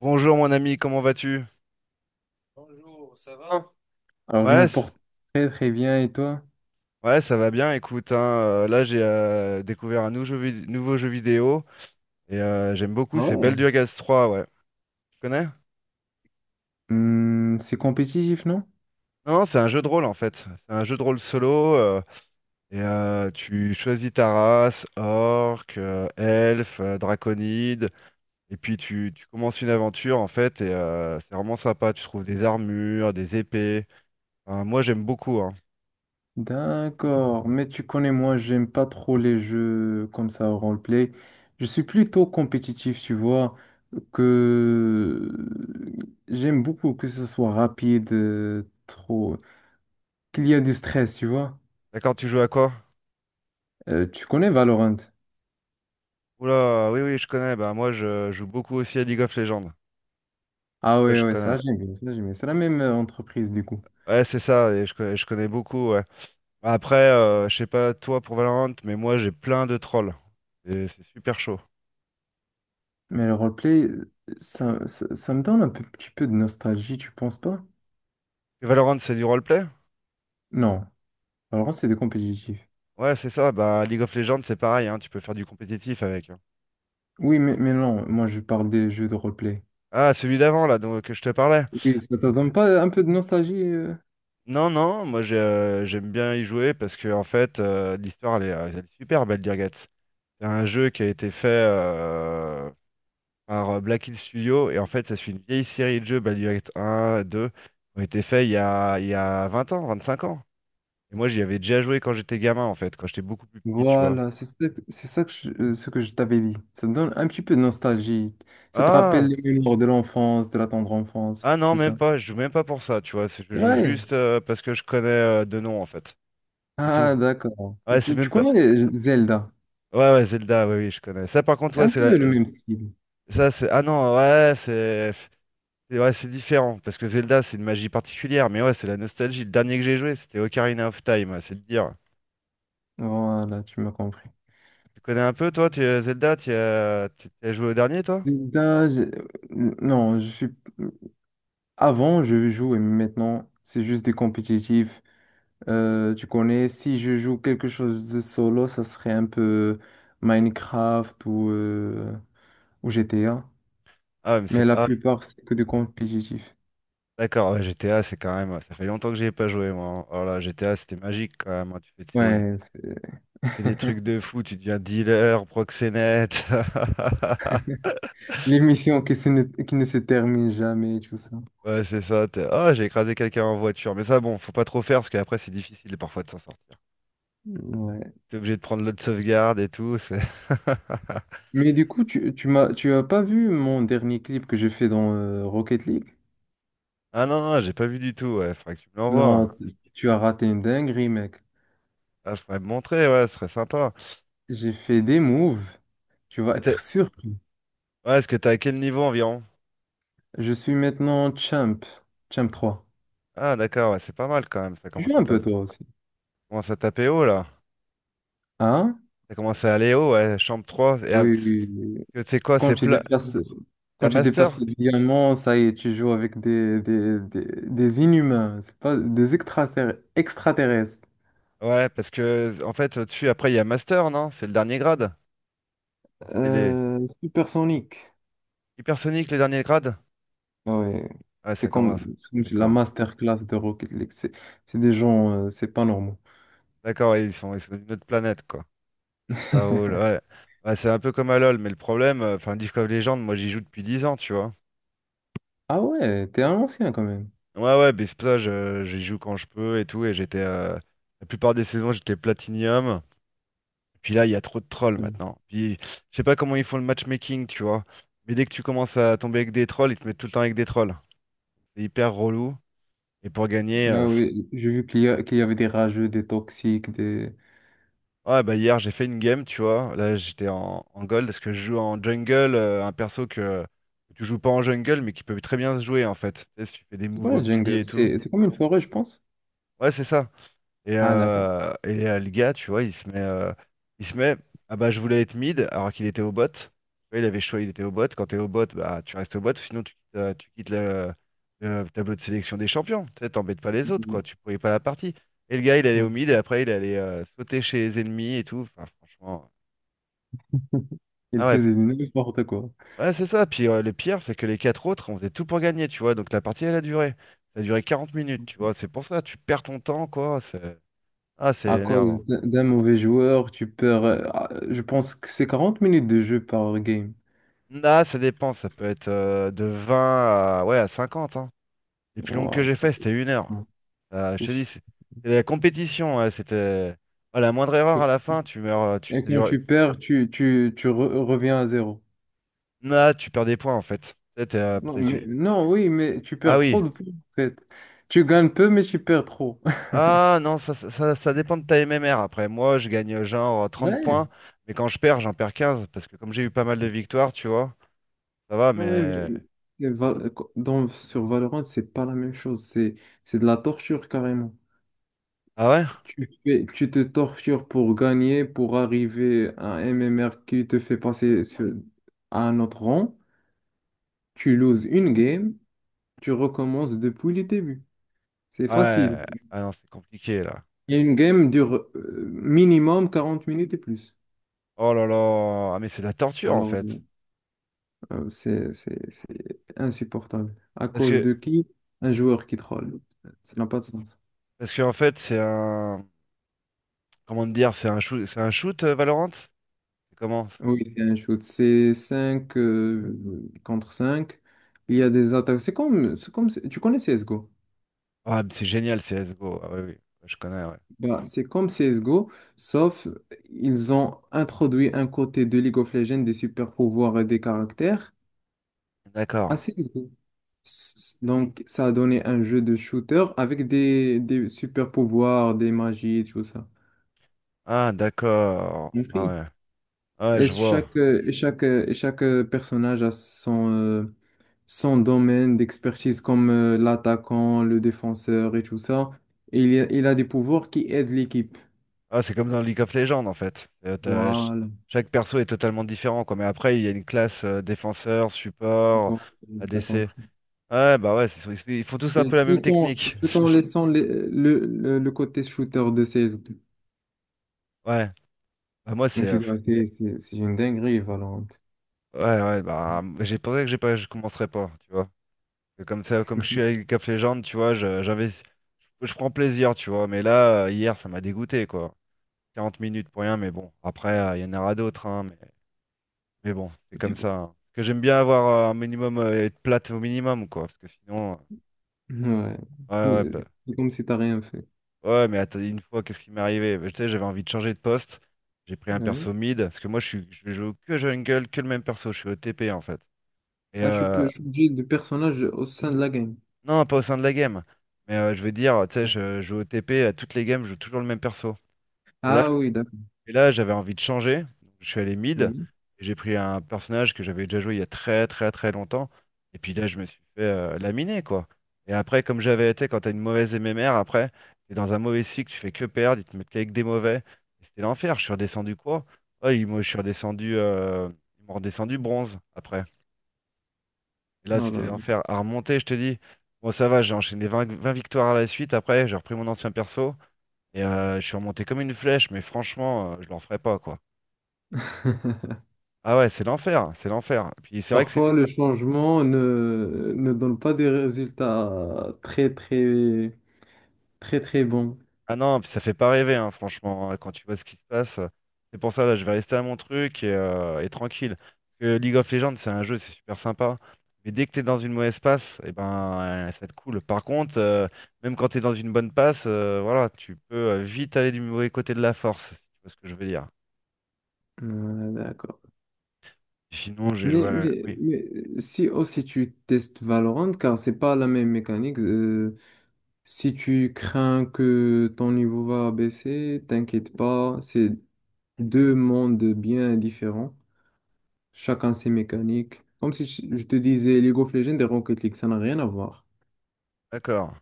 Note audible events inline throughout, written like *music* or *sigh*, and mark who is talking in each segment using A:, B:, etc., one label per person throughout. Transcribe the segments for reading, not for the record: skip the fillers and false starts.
A: Bonjour mon ami, comment vas-tu?
B: Alors, je
A: Ouais,
B: me porte très très bien et toi?
A: ouais, ça va bien, écoute, hein, là j'ai découvert un nouveau jeu, vidéo et j'aime beaucoup,
B: Ah
A: c'est
B: ouais.
A: Baldur's 3, ouais. Tu connais?
B: Hmm, c'est compétitif, non?
A: Non, non, c'est un jeu de rôle en fait. C'est un jeu de rôle solo, tu choisis ta race, orc, elfe, draconide, et puis tu commences une aventure en fait, et c'est vraiment sympa. Tu trouves des armures, des épées. Enfin, moi j'aime beaucoup, hein.
B: D'accord, mais tu connais, moi, j'aime pas trop les jeux comme ça, roleplay. Je suis plutôt compétitif, tu vois, que j'aime beaucoup que ce soit rapide, trop, qu'il y a du stress, tu vois.
A: D'accord, tu joues à quoi?
B: Tu connais Valorant?
A: Oula, oui, oui, je connais. Bah, moi, je joue beaucoup aussi à League of Legends. Donc,
B: Ah
A: ouais,
B: ouais,
A: je
B: ouais,
A: connais.
B: ça j'aime bien, ça j'aime bien. C'est la même entreprise du coup.
A: Ouais, c'est ça, et je connais beaucoup, ouais. Après, je sais pas toi pour Valorant, mais moi, j'ai plein de trolls. Et c'est super chaud.
B: Mais le roleplay, ça me donne petit peu de nostalgie, tu penses pas?
A: Et Valorant, c'est du roleplay?
B: Non. Alors, c'est des compétitifs.
A: Ouais, c'est ça. Bah, League of Legends, c'est pareil, hein. Tu peux faire du compétitif avec, hein.
B: Oui, mais non, moi je parle des jeux de roleplay.
A: Ah, celui d'avant, là, donc, que je te parlais.
B: Oui, ça te donne pas un peu de nostalgie
A: Non, non, moi, j'aime bien y jouer parce que, en fait, l'histoire, elle est super belle, Dirgats. C'est un jeu qui a été fait, par Black Hill Studio. Et en fait, ça suit une vieille série de jeux, Baldur's Gate 1, 2, qui ont été faits il y a 20 ans, 25 ans. Et moi, j'y avais déjà joué quand j'étais gamin, en fait, quand j'étais beaucoup plus petit, tu vois.
B: Voilà, c'est ça que ce que je t'avais dit. Ça te donne un petit peu de nostalgie. Ça te rappelle
A: Ah,
B: les mémoires de l'enfance, de la tendre enfance,
A: ah non,
B: tout
A: même
B: ça.
A: pas, je joue même pas pour ça, tu vois. Je
B: C'est
A: joue
B: vrai.
A: juste, parce que je connais de nom, en fait. C'est tout.
B: Ah, d'accord.
A: Ouais, c'est
B: Tu
A: même pas.
B: connais Zelda?
A: Ouais, ouais, Zelda, oui, oui, je connais. Ça, par contre,
B: C'est
A: ouais,
B: un
A: c'est
B: peu le
A: la.
B: même style.
A: Ça, c'est. Ah non, ouais, c'est. Ouais, c'est différent, parce que Zelda, c'est une magie particulière, mais ouais, c'est la nostalgie. Le dernier que j'ai joué, c'était Ocarina of Time, ouais, c'est de dire.
B: Voilà, tu m'as compris.
A: Tu connais un peu, toi, tu, Zelda, tu as joué au dernier, toi?
B: Zelda, non, je suis. euh, Avant, je jouais, mais maintenant, c'est juste des compétitifs. Tu connais, si je joue quelque chose de solo, ça serait un peu Minecraft ou GTA.
A: Ah, ouais, mais
B: Mais
A: c'est
B: la
A: pas. Ah,
B: plupart, c'est que du compétitif.
A: d'accord, ouais, GTA, c'est quand même. Ça fait longtemps que j'y ai pas joué, moi, hein. Oh là, GTA, c'était magique quand même, hein. Tu fais, tes-
B: Ouais,
A: tu fais des trucs de fou, tu deviens dealer, proxénète. *laughs*
B: les missions qui ne se terminent jamais, tout ça.
A: Ouais, c'est ça. Ah, j'ai écrasé quelqu'un en voiture. Mais ça, bon, faut pas trop faire parce qu'après, c'est difficile parfois de s'en sortir.
B: Ouais.
A: T'es obligé de prendre l'autre sauvegarde et tout. *laughs*
B: Mais du coup, tu as pas vu mon dernier clip que j'ai fait dans Rocket League?
A: Ah non, non, j'ai pas vu du tout. Ouais, faudrait que tu me l'envoies.
B: Non, tu as raté une dinguerie, mec.
A: Ah, faudrait me montrer, ouais, ce serait sympa.
B: J'ai fait des moves. Tu vas
A: Que t'es-
B: être surpris.
A: Ouais, est-ce que t'es à quel niveau environ?
B: Je suis maintenant champ 3.
A: Ah d'accord, ouais, c'est pas mal quand même, ça
B: Tu joues un peu toi aussi.
A: commence à taper haut là.
B: Hein?
A: Ça commence à aller haut, ouais, chambre trois, et
B: Oui,
A: ah, parce
B: oui, oui, oui.
A: que tu sais quoi,
B: Quand
A: c'est
B: tu
A: plat.
B: déplaces, quand
A: T'as
B: tu déplaces
A: master?
B: le diamant, ça y est, tu joues avec des inhumains, c'est pas des extraterrestres.
A: Ouais, parce que en fait au-dessus, après il y a master, non? C'est le dernier grade? Ou c'est les
B: Supersonique.
A: hypersoniques les derniers grades?
B: Ouais.
A: Ouais,
B: C'est
A: ça commence.
B: comme, c'est comme la
A: D'accord.
B: masterclass de Rocket League. C'est des gens, c'est pas normaux.
A: D'accord, ouais, ils sont d'une autre planète, quoi. Ça roule, ouais. Ouais, c'est un peu comme à LoL, mais le problème, enfin League of Legends, moi j'y joue depuis 10 ans, tu vois.
B: Ah ouais, t'es un ancien quand même.
A: Ouais, ouais, mais c'est pour ça, j'y joue quand je peux et tout, et j'étais la plupart des saisons j'étais platinium. Puis là, il y a trop de trolls
B: Ouais.
A: maintenant. Puis je sais pas comment ils font le matchmaking, tu vois. Mais dès que tu commences à tomber avec des trolls, ils te mettent tout le temps avec des trolls. C'est hyper relou. Et pour gagner,
B: Ah oui, j'ai vu qu'il y avait des rageux, des toxiques, des.
A: ouais, bah hier j'ai fait une game, tu vois. Là j'étais en gold parce que je joue en jungle, un perso que tu joues pas en jungle mais qui peut très bien se jouer en fait. Tu sais, si tu fais des
B: C'est
A: moves
B: quoi
A: au
B: la
A: petit et
B: jungle?
A: tout.
B: C'est comme une forêt, je pense.
A: Ouais, c'est ça. Et,
B: Ah d'accord.
A: euh, et euh, le gars, tu vois, il se met, ah bah je voulais être mid alors qu'il était au bot. Tu vois, il avait choisi, il était au bot. Quand t'es au bot, bah tu restes au bot, sinon tu quittes, le tableau de sélection des champions. Tu sais, t'embêtes pas les autres, quoi.
B: Mhm.
A: Tu pourrais pas la partie. Et le gars, il allait
B: Ouais.
A: au mid et après il allait sauter chez les ennemis et tout. Enfin, franchement, ah
B: Il
A: ouais,
B: faisait n'importe quoi.
A: ouais, c'est ça. Puis le pire, c'est que les quatre autres, on faisait tout pour gagner, tu vois. Donc la partie, elle a duré. Ça a duré 40 minutes, tu vois. C'est pour ça, tu perds ton temps, quoi. C'est, ah, c'est
B: À cause
A: énervant.
B: d'un mauvais joueur, tu perds. Je pense que c'est 40 minutes de jeu par game.
A: Là, ça dépend, ça peut être de 20 à, ouais, à 50, hein. Les plus longues que
B: Ouah,
A: j'ai
B: c'est
A: fait, c'était 1 heure.
B: long,
A: Je
B: c'est
A: te dis,
B: chi-
A: c'est la compétition, ouais, c'était. Ah, la moindre erreur à
B: Et
A: la fin, tu meurs. Tu,
B: et
A: ça
B: quand
A: dure-.
B: tu perds, tu reviens à zéro.
A: Là, tu perds des points en fait. Peut-être, euh,
B: Non,
A: peut-être
B: non, oui, mais tu
A: Ah
B: perds
A: oui.
B: trop de points, en fait. Tu gagnes peu, mais tu perds trop. *laughs*
A: Ah non, ça dépend de ta MMR. Après, moi, je gagne genre trente
B: Ouais.
A: points, mais quand je perds, j'en perds 15, parce que comme j'ai eu pas mal de victoires, tu vois, ça va,
B: Ouais,
A: mais.
B: mais Val- sur Valorant, c'est pas la même chose. C'est de la torture carrément.
A: Ah ouais?
B: Tu te tortures pour gagner, pour arriver à un MMR qui te fait passer à un autre rang. Tu loses une game, tu recommences depuis le début. C'est facile.
A: Ouais. Ah non, c'est compliqué là.
B: Et une game dure minimum 40 minutes et plus.
A: Oh là là. Ah mais c'est de la torture en
B: Alors,
A: fait.
B: c'est insupportable. À
A: Parce
B: cause
A: que,
B: de qui? Un joueur qui troll. Ça n'a pas de sens.
A: parce que en fait, c'est un. Comment te dire, c'est un shoot, Valorant? C'est comment?
B: Oui, c'est un shoot. C'est 5 contre cinq. Il y a des attaques. C'est comme, tu connais CSGO?
A: Ah, c'est génial, CSGO. Ah, oui, oui, je connais, ouais.
B: Bah, c'est comme CSGO, sauf ils ont introduit un côté de League of Legends des super pouvoirs et des caractères
A: D'accord.
B: à CSGO. Donc, ça a donné un jeu de shooter avec des super pouvoirs, des magies, tout ça.
A: Ah, d'accord. Ah,
B: Compris.
A: ouais. Ah, ouais,
B: Et
A: je vois.
B: chaque personnage a son domaine d'expertise, comme l'attaquant, le défenseur et tout ça. Et il a des pouvoirs qui aident l'équipe.
A: Ah, c'est comme dans League of Legends, en fait.
B: Voilà.
A: Chaque perso est totalement différent, quoi. Mais après, il y a une classe, défenseur, support,
B: Bon, t'as
A: ADC.
B: compris.
A: Ouais, bah ouais, ils font tous un
B: Et
A: peu la même
B: Tout en,
A: technique.
B: tout en
A: *laughs*
B: laissant le côté shooter de CS2.
A: Ouais. Bah, moi,
B: Mais
A: c'est.
B: je dois dire, c'est une dinguerie, Valorant.
A: Ouais, ouais, bah, j'ai pensé que j'ai pas, je commencerai pas, tu vois. Et comme ça, comme je suis avec Cap of Legends, tu vois, j'investis, je prends plaisir, tu vois. Mais là, hier, ça m'a dégoûté, quoi. 40 minutes pour rien, mais bon. Après, il y en aura d'autres, hein, mais bon, c'est
B: Mais
A: comme
B: bon.
A: ça, hein. Parce que j'aime bien avoir un minimum, être plate au minimum, quoi. Parce que sinon,
B: Ouais. C'est
A: ouais, ouais,
B: c'est comme si t'as rien fait.
A: ouais, mais attends, une fois, qu'est-ce qui m'est arrivé? Bah, tu sais, j'avais envie de changer de poste. J'ai pris un
B: Ouais.
A: perso mid, parce que moi, je joue que jungle, que le même perso. Je suis au OTP, en fait. Et
B: Ah, tu peux changer de personnage au sein de la game.
A: non, pas au sein de la game. Mais je veux dire, tu sais,
B: Ouais.
A: je joue OTP à toutes les games, je joue toujours le même perso. Et là.
B: Ah oui, d'accord.
A: Et là, j'avais envie de changer. Je suis allé mid,
B: Oui.
A: et j'ai pris un personnage que j'avais déjà joué il y a très très très longtemps. Et puis là, je me suis fait laminer, quoi. Et après, comme j'avais été, quand t'as une mauvaise MMR, après, t'es dans un mauvais cycle, tu fais que perdre, ils te mettent qu'avec des mauvais. Et c'était l'enfer. Je suis redescendu quoi? Oh, je suis redescendu, ils m'ont redescendu bronze après. Et là,
B: Oh
A: c'était
B: là
A: l'enfer. À remonter, je te dis. Bon, ça va, j'ai enchaîné vingt victoires à la suite. Après, j'ai repris mon ancien perso. Et je suis remonté comme une flèche, mais franchement, je leur ferai pas, quoi.
B: là. *laughs*
A: Ah ouais, c'est l'enfer, c'est l'enfer. Puis c'est vrai que
B: Parfois,
A: c'est.
B: le changement ne donne pas des résultats très, très, très, très bons.
A: Ah non, puis ça fait pas rêver, hein, franchement, hein, quand tu vois ce qui se passe. C'est pour ça, là, je vais rester à mon truc, et tranquille. Parce que League of Legends, c'est un jeu, c'est super sympa. Mais dès que t'es dans une mauvaise passe, et ben, ça te coule. Par contre, même quand t'es dans une bonne passe, voilà, tu peux vite aller du mauvais côté de la force, si tu vois ce que je veux dire.
B: Ouais, d'accord.
A: Sinon, j'ai joué.
B: Mais, mais,
A: Oui,
B: mais si aussi tu testes Valorant, car c'est pas la même mécanique, si tu crains que ton niveau va baisser, t'inquiète pas, c'est deux mondes bien différents, chacun ses mécaniques. Comme si je te disais League of Legends et Rocket League, ça n'a rien à voir.
A: d'accord.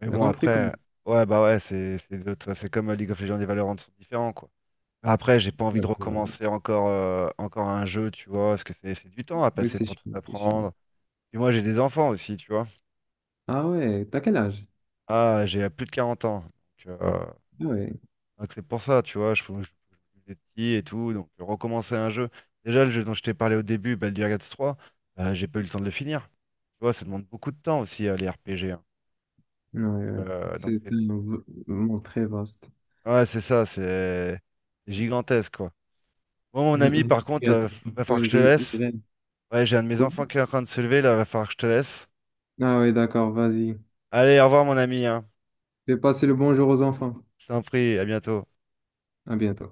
A: Mais
B: T'as
A: bon,
B: compris comment?
A: après. Ouais, bah ouais, c'est comme League of Legends et Valorant sont différents, quoi. Après, j'ai pas envie
B: Ouais,
A: de
B: voilà.
A: recommencer encore, un jeu, tu vois, parce que c'est du temps à
B: Oui,
A: passer
B: c'est
A: pour tout
B: chiant, c'est chiant.
A: apprendre. Puis moi, j'ai des enfants aussi, tu vois.
B: Ah ouais, t'as quel âge?
A: Ah, j'ai plus de 40 ans. Donc, euh,
B: Ah, ouais,
A: donc c'est pour ça, tu vois, je fais des petits et tout. Donc, recommencer un jeu. Déjà, le jeu dont je t'ai parlé au début, Baldur's Gate 3, j'ai pas eu le temps de le finir. Tu vois, ça demande beaucoup de temps aussi, les RPG, hein.
B: ouais, ouais.
A: Donc,
B: C'est monde très vaste.
A: ouais, c'est ça, c'est gigantesque, quoi. Bon, mon ami,
B: *laughs*
A: par
B: Les
A: contre,
B: créateurs,
A: va
B: pourquoi
A: falloir que je te
B: ils
A: laisse.
B: rient?
A: Ouais, j'ai un de mes
B: Quoi?
A: enfants qui est en train de se lever, là, va falloir que je te laisse.
B: Ah oui, d'accord, vas-y.
A: Allez, au revoir mon ami, hein.
B: Je vais passer le bonjour aux enfants.
A: Je t'en prie, à bientôt.
B: À bientôt.